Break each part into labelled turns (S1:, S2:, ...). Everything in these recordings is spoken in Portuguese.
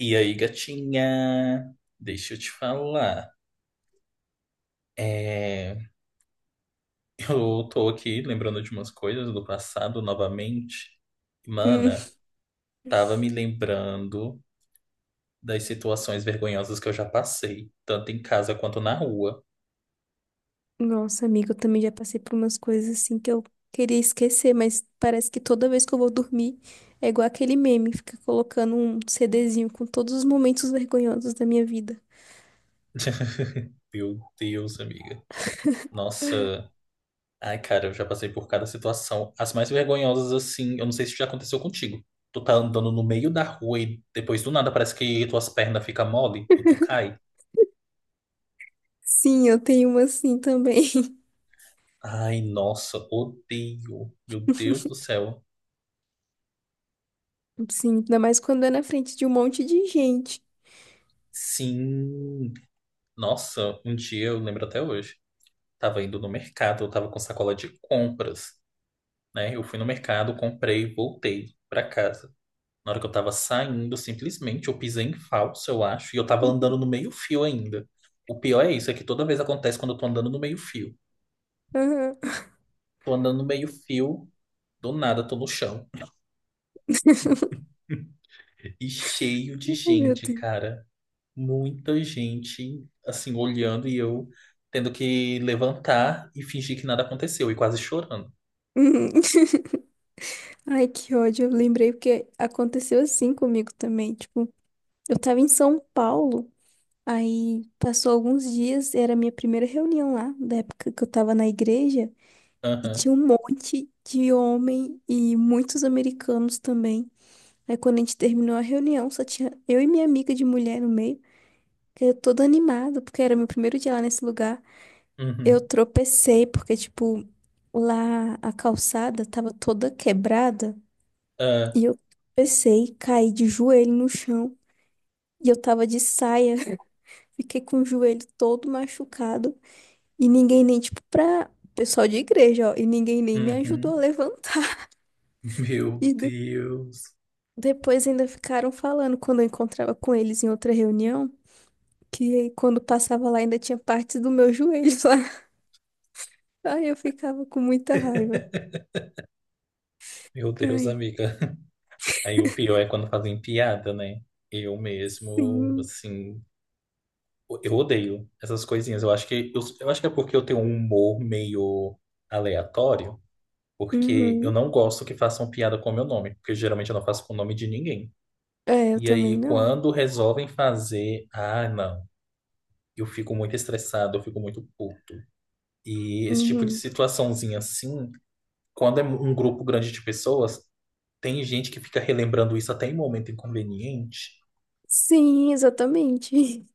S1: E aí, gatinha? Deixa eu te falar. É, eu tô aqui lembrando de umas coisas do passado novamente.
S2: Hum.
S1: Mana, tava me lembrando das situações vergonhosas que eu já passei, tanto em casa quanto na rua.
S2: Nossa, amiga, eu também já passei por umas coisas assim que eu queria esquecer, mas parece que toda vez que eu vou dormir é igual aquele meme, fica colocando um CDzinho com todos os momentos vergonhosos da minha vida.
S1: Meu Deus, amiga. Nossa. Ai, cara, eu já passei por cada situação. As mais vergonhosas, assim, eu não sei se já aconteceu contigo. Tu tá andando no meio da rua e depois do nada parece que tuas pernas ficam mole e tu cai.
S2: Sim, eu tenho uma assim também.
S1: Ai, nossa, odeio. Meu Deus do céu.
S2: Sim, ainda mais quando é na frente de um monte de gente.
S1: Sim. Nossa, um dia eu lembro até hoje. Tava indo no mercado, eu tava com sacola de compras, né? Eu fui no mercado, comprei, voltei pra casa. Na hora que eu tava saindo, simplesmente eu pisei em falso, eu acho, e eu tava andando no meio-fio ainda. O pior é isso, é que toda vez acontece quando eu tô andando no meio-fio.
S2: Aham.
S1: Tô andando no meio-fio, do nada tô no chão. E cheio de
S2: Ai, meu
S1: gente,
S2: Deus.
S1: cara. Muita gente assim olhando e eu tendo que levantar e fingir que nada aconteceu e quase chorando.
S2: Uhum. Ai, que ódio. Eu lembrei porque aconteceu assim comigo também. Tipo, eu tava em São Paulo. Aí passou alguns dias, era a minha primeira reunião lá, da época que eu tava na igreja, e tinha
S1: Aham,
S2: um monte de homem e muitos americanos também. Aí quando a gente terminou a reunião, só tinha eu e minha amiga de mulher no meio, que eu toda animada, porque era meu primeiro dia lá nesse lugar. Eu
S1: uhum,
S2: tropecei, porque, tipo, lá a calçada tava toda quebrada,
S1: ah,
S2: e eu tropecei, caí de joelho no chão, e eu tava de saia, fiquei com o joelho todo machucado. E ninguém nem, tipo, pra pessoal de igreja, ó. E ninguém nem me ajudou a
S1: uhum.
S2: levantar. E
S1: Meu
S2: de-
S1: Deus.
S2: depois ainda ficaram falando quando eu encontrava com eles em outra reunião, que quando passava lá ainda tinha partes do meu joelho lá. Ai, eu ficava com muita raiva.
S1: Meu Deus,
S2: Ai,
S1: amiga. Aí o pior é quando fazem piada, né? Eu mesmo,
S2: sim.
S1: assim, eu odeio essas coisinhas. Eu acho que eu acho que é porque eu tenho um humor meio aleatório, porque eu
S2: Uhum.
S1: não gosto que façam piada com o meu nome, porque geralmente eu não faço com o nome de ninguém.
S2: É, eu
S1: E
S2: também
S1: aí,
S2: não.
S1: quando resolvem fazer, ah, não, eu fico muito estressado, eu fico muito puto. E esse tipo de
S2: Uhum.
S1: situaçãozinha assim, quando é um grupo grande de pessoas, tem gente que fica relembrando isso até em momento inconveniente.
S2: Sim, exatamente.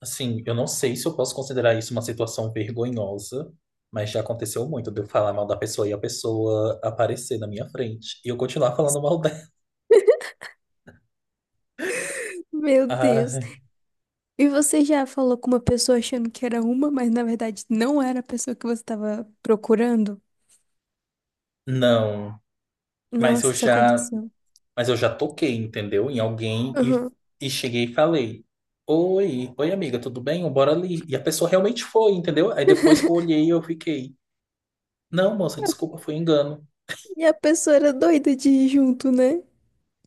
S1: Assim, eu não sei se eu posso considerar isso uma situação vergonhosa, mas já aconteceu muito de eu falar mal da pessoa e a pessoa aparecer na minha frente e eu continuar falando mal dela.
S2: Meu
S1: Ah,
S2: Deus. E você já falou com uma pessoa achando que era uma, mas na verdade não era a pessoa que você estava procurando?
S1: não. Mas eu
S2: Nossa, isso
S1: já
S2: aconteceu.
S1: Mas eu já toquei, entendeu? Em alguém
S2: Aham.
S1: e cheguei e falei: Oi, oi amiga, tudo bem? Bora ali. E a pessoa realmente foi, entendeu? Aí depois que eu olhei, eu fiquei: Não, moça, desculpa, foi engano.
S2: E a pessoa era doida de ir junto, né?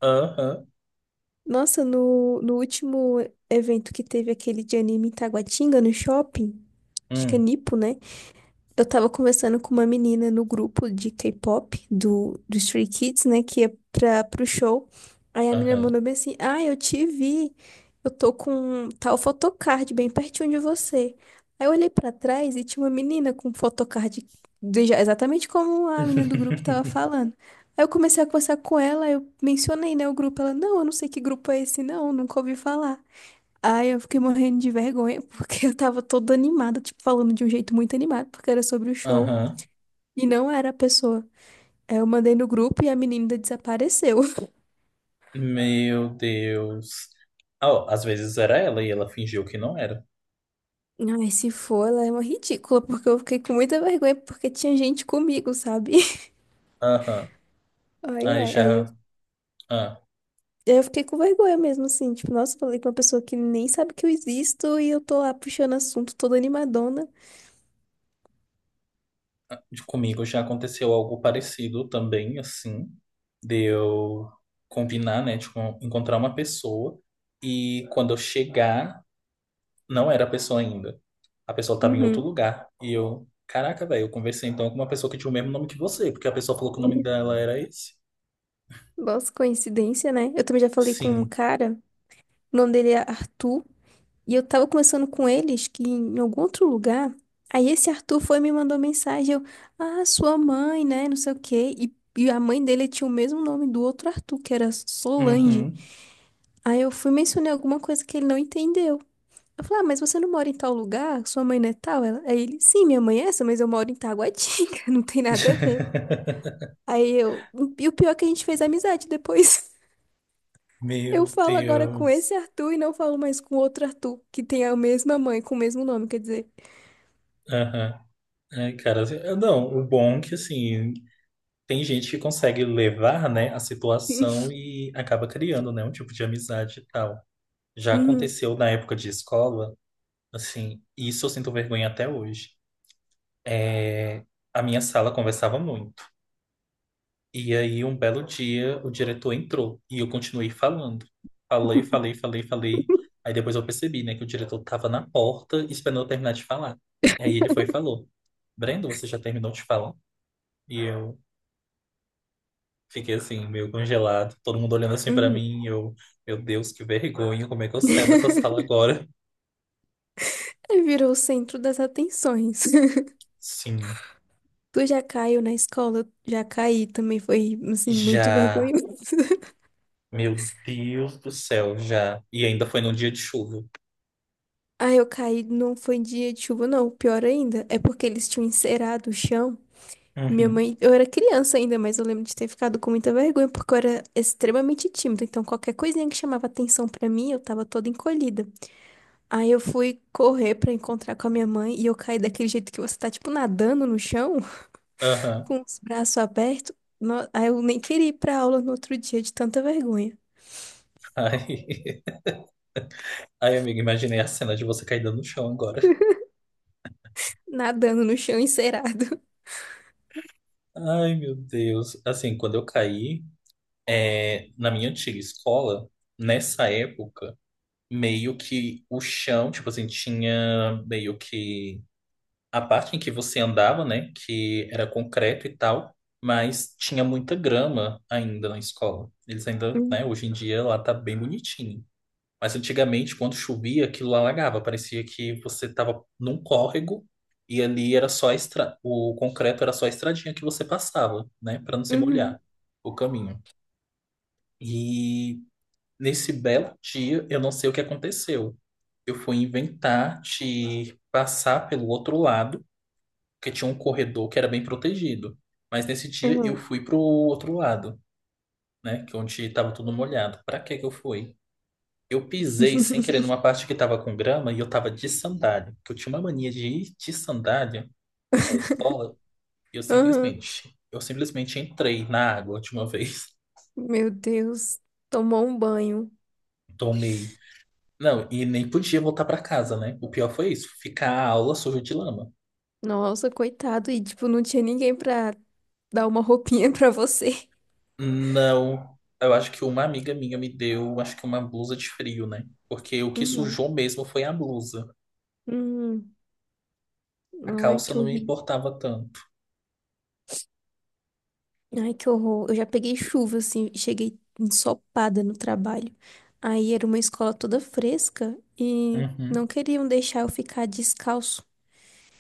S1: Aham,
S2: Nossa, no último evento que teve aquele de anime em Taguatinga, no shopping, acho que é
S1: hum,
S2: Nipo, né? Eu tava conversando com uma menina no grupo de K-pop do Stray Kids, né? Que é pro show. Aí a menina
S1: aham.
S2: mandou bem assim: Ah, eu te vi. Eu tô com tal photocard bem pertinho de você. Aí eu olhei pra trás e tinha uma menina com photocard exatamente como a menina do grupo tava falando. Aí eu comecei a conversar com ela, eu mencionei, né, o grupo. Ela, não, eu não sei que grupo é esse, não, nunca ouvi falar. Ai, eu fiquei morrendo de vergonha, porque eu tava toda animada, tipo, falando de um jeito muito animado, porque era sobre o show.
S1: Aham.
S2: E não era a pessoa. Aí eu mandei no grupo e a menina desapareceu.
S1: Meu Deus. Ah, ó, às vezes era ela e ela fingiu que não era.
S2: Ai, se for, ela é uma ridícula, porque eu fiquei com muita vergonha, porque tinha gente comigo, sabe?
S1: Aham.
S2: Ai,
S1: Aí
S2: ai, aí eu,
S1: já. Ah.
S2: eu fiquei com vergonha mesmo, assim, tipo, nossa, falei com uma pessoa que nem sabe que eu existo e eu tô lá puxando assunto toda animadona.
S1: De comigo já aconteceu algo parecido também, assim, de eu combinar, né, de encontrar uma pessoa e quando eu chegar, não era a pessoa ainda. A pessoa estava em outro
S2: Uhum.
S1: lugar e eu, caraca, velho, eu conversei então com uma pessoa que tinha o mesmo nome que você, porque a pessoa falou que o nome dela era esse.
S2: Nossa, coincidência, né? Eu também já falei com um
S1: Sim.
S2: cara, o nome dele é Arthur. E eu tava conversando com eles que em algum outro lugar, aí esse Arthur foi e me mandou mensagem, eu, ah, sua mãe, né, não sei o quê. E a mãe dele tinha o mesmo nome do outro Arthur, que era Solange.
S1: Uhum.
S2: Aí eu fui mencionar alguma coisa que ele não entendeu. Eu falei, ah, mas você não mora em tal lugar? Sua mãe não é tal? Ela, aí ele, sim, minha mãe é essa, mas eu moro em Taguatinga, não tem nada a ver. Aí eu, e o pior é que a gente fez amizade depois. Eu
S1: Meu
S2: falo agora com
S1: Deus.
S2: esse Arthur e não falo mais com outro Arthur, que tem a mesma mãe, com o mesmo nome, quer dizer.
S1: Aham. Ai, cara, assim, não, o bom é que assim, tem gente que consegue levar, né, a situação e acaba criando, né, um tipo de amizade e tal. Já
S2: Uhum.
S1: aconteceu na época de escola, assim, e isso eu sinto vergonha até hoje. É, a minha sala conversava muito. E aí, um belo dia, o diretor entrou e eu continuei falando. Falei, falei, falei, falei. Aí depois eu percebi, né, que o diretor estava na porta esperando eu terminar de falar. Aí ele foi e falou: Brendo, você já terminou de falar? E eu. Fiquei assim, meio congelado, todo mundo olhando assim pra
S2: Uhum.
S1: mim, e eu, meu Deus, que vergonha, como é que eu saio dessa sala agora?
S2: Virou o centro das atenções.
S1: Sim,
S2: Tu já caiu na escola? Já caí também, foi assim, muito
S1: já,
S2: vergonhoso.
S1: meu Deus do céu, já. E ainda foi num dia de chuva.
S2: Ah, eu caí, não foi dia de chuva, não. Pior ainda, é porque eles tinham encerado o chão. Minha
S1: Uhum.
S2: mãe, eu era criança ainda, mas eu lembro de ter ficado com muita vergonha, porque eu era extremamente tímida. Então, qualquer coisinha que chamava atenção pra mim, eu tava toda encolhida. Aí eu fui correr pra encontrar com a minha mãe e eu caí daquele jeito que você tá, tipo, nadando no chão,
S1: Aham.
S2: com os braços abertos. Aí eu nem queria ir pra aula no outro dia de tanta vergonha.
S1: Ai, ai, amiga, imaginei a cena de você caindo no chão agora.
S2: Nadando no chão encerado.
S1: Ai, meu Deus. Assim, quando eu caí, é, na minha antiga escola, nessa época, meio que o chão, tipo assim, tinha meio que a parte em que você andava, né, que era concreto e tal, mas tinha muita grama ainda na escola. Eles ainda,
S2: Hum.
S1: né, hoje em dia lá tá bem bonitinho. Mas antigamente, quando chovia, aquilo alagava, parecia que você tava num córrego e ali era só a estra... o concreto era só a estradinha que você passava, né, para não se
S2: Uhum.
S1: molhar o caminho. E nesse belo dia, eu não sei o que aconteceu. Eu fui inventar de passar pelo outro lado porque tinha um corredor que era bem protegido. Mas nesse dia
S2: Uhum.
S1: eu
S2: Uhum.
S1: fui pro outro lado, né? Que é onde tava tudo molhado. Pra que que eu fui? Eu pisei sem querer numa parte que tava com grama e eu tava de sandália. Porque eu tinha uma mania de ir de sandália à escola e
S2: Aham.
S1: eu simplesmente entrei na água de uma vez.
S2: Meu Deus, tomou um banho.
S1: Tomei. Não, e nem podia voltar pra casa, né? O pior foi isso, ficar a aula suja de lama.
S2: Nossa, coitado. E tipo, não tinha ninguém pra dar uma roupinha pra você.
S1: Não, eu acho que uma amiga minha me deu, acho que uma blusa de frio, né? Porque o que
S2: Uhum.
S1: sujou mesmo foi a blusa.
S2: Uhum.
S1: A
S2: Ai,
S1: calça
S2: que
S1: não me
S2: horrível.
S1: importava tanto.
S2: Ai, que horror. Eu já peguei chuva, assim, e cheguei ensopada no trabalho. Aí era uma escola toda fresca e não
S1: Uhum,
S2: queriam deixar eu ficar descalço.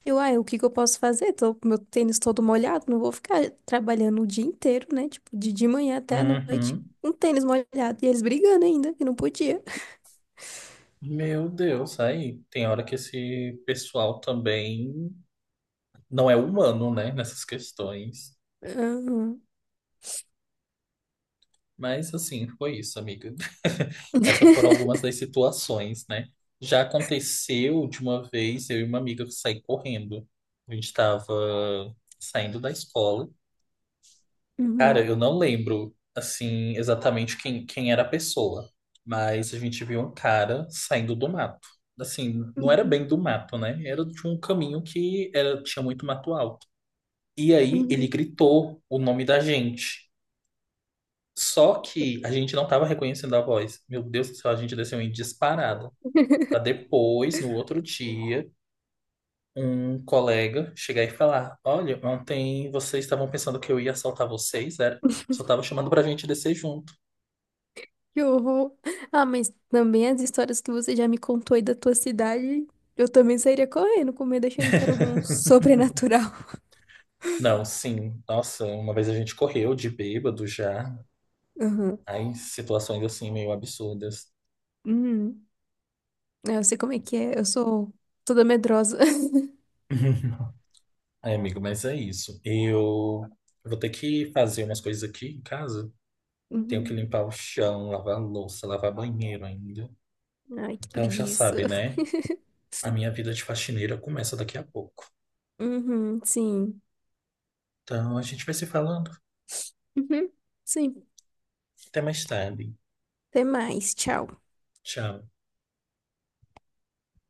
S2: Eu, ai, o que que eu posso fazer? Tô com meu tênis todo molhado, não vou ficar trabalhando o dia inteiro, né? Tipo, de manhã até a noite,
S1: uhum.
S2: um tênis molhado. E eles brigando ainda, que não podia.
S1: Meu Deus, aí tem hora que esse pessoal também não é humano, né? Nessas questões.
S2: Aham.
S1: Mas assim, foi isso, amiga. Essas foram algumas das situações, né? Já aconteceu de uma vez eu e uma amiga sair correndo. A gente estava saindo da escola. Cara,
S2: Uhum.
S1: eu não lembro, assim, exatamente quem era a pessoa, mas a gente viu um cara saindo do mato. Assim, não era
S2: Uhum.
S1: bem do mato, né? Era de um caminho que era, tinha muito mato alto. E aí ele
S2: Uhum.
S1: gritou o nome da gente. Só que a gente não estava reconhecendo a voz. Meu Deus do céu, a gente desceu em disparada. Para depois, no outro dia, um colega chegar e falar: Olha, ontem vocês estavam pensando que eu ia assaltar vocês, era? Só tava chamando pra gente descer junto.
S2: Que horror. Ah, mas também as histórias que você já me contou aí da tua cidade, eu também sairia correndo, com medo, achando que era algum sobrenatural.
S1: Não, sim. Nossa, uma vez a gente correu de bêbado já.
S2: Uhum.
S1: Aí, situações assim meio absurdas.
S2: Uhum. É, eu sei como é que é, eu sou toda medrosa.
S1: Ai, amigo, mas é isso. Eu vou ter que fazer umas coisas aqui em casa. Tenho que
S2: Uhum.
S1: limpar o chão, lavar a louça, lavar banheiro ainda.
S2: Ai, que
S1: Então já
S2: preguiça.
S1: sabe, né? A minha vida de faxineira começa daqui a pouco.
S2: Uhum, sim.
S1: Então a gente vai se falando.
S2: Uhum, sim.
S1: Até mais tarde.
S2: Até mais, tchau.
S1: Tchau.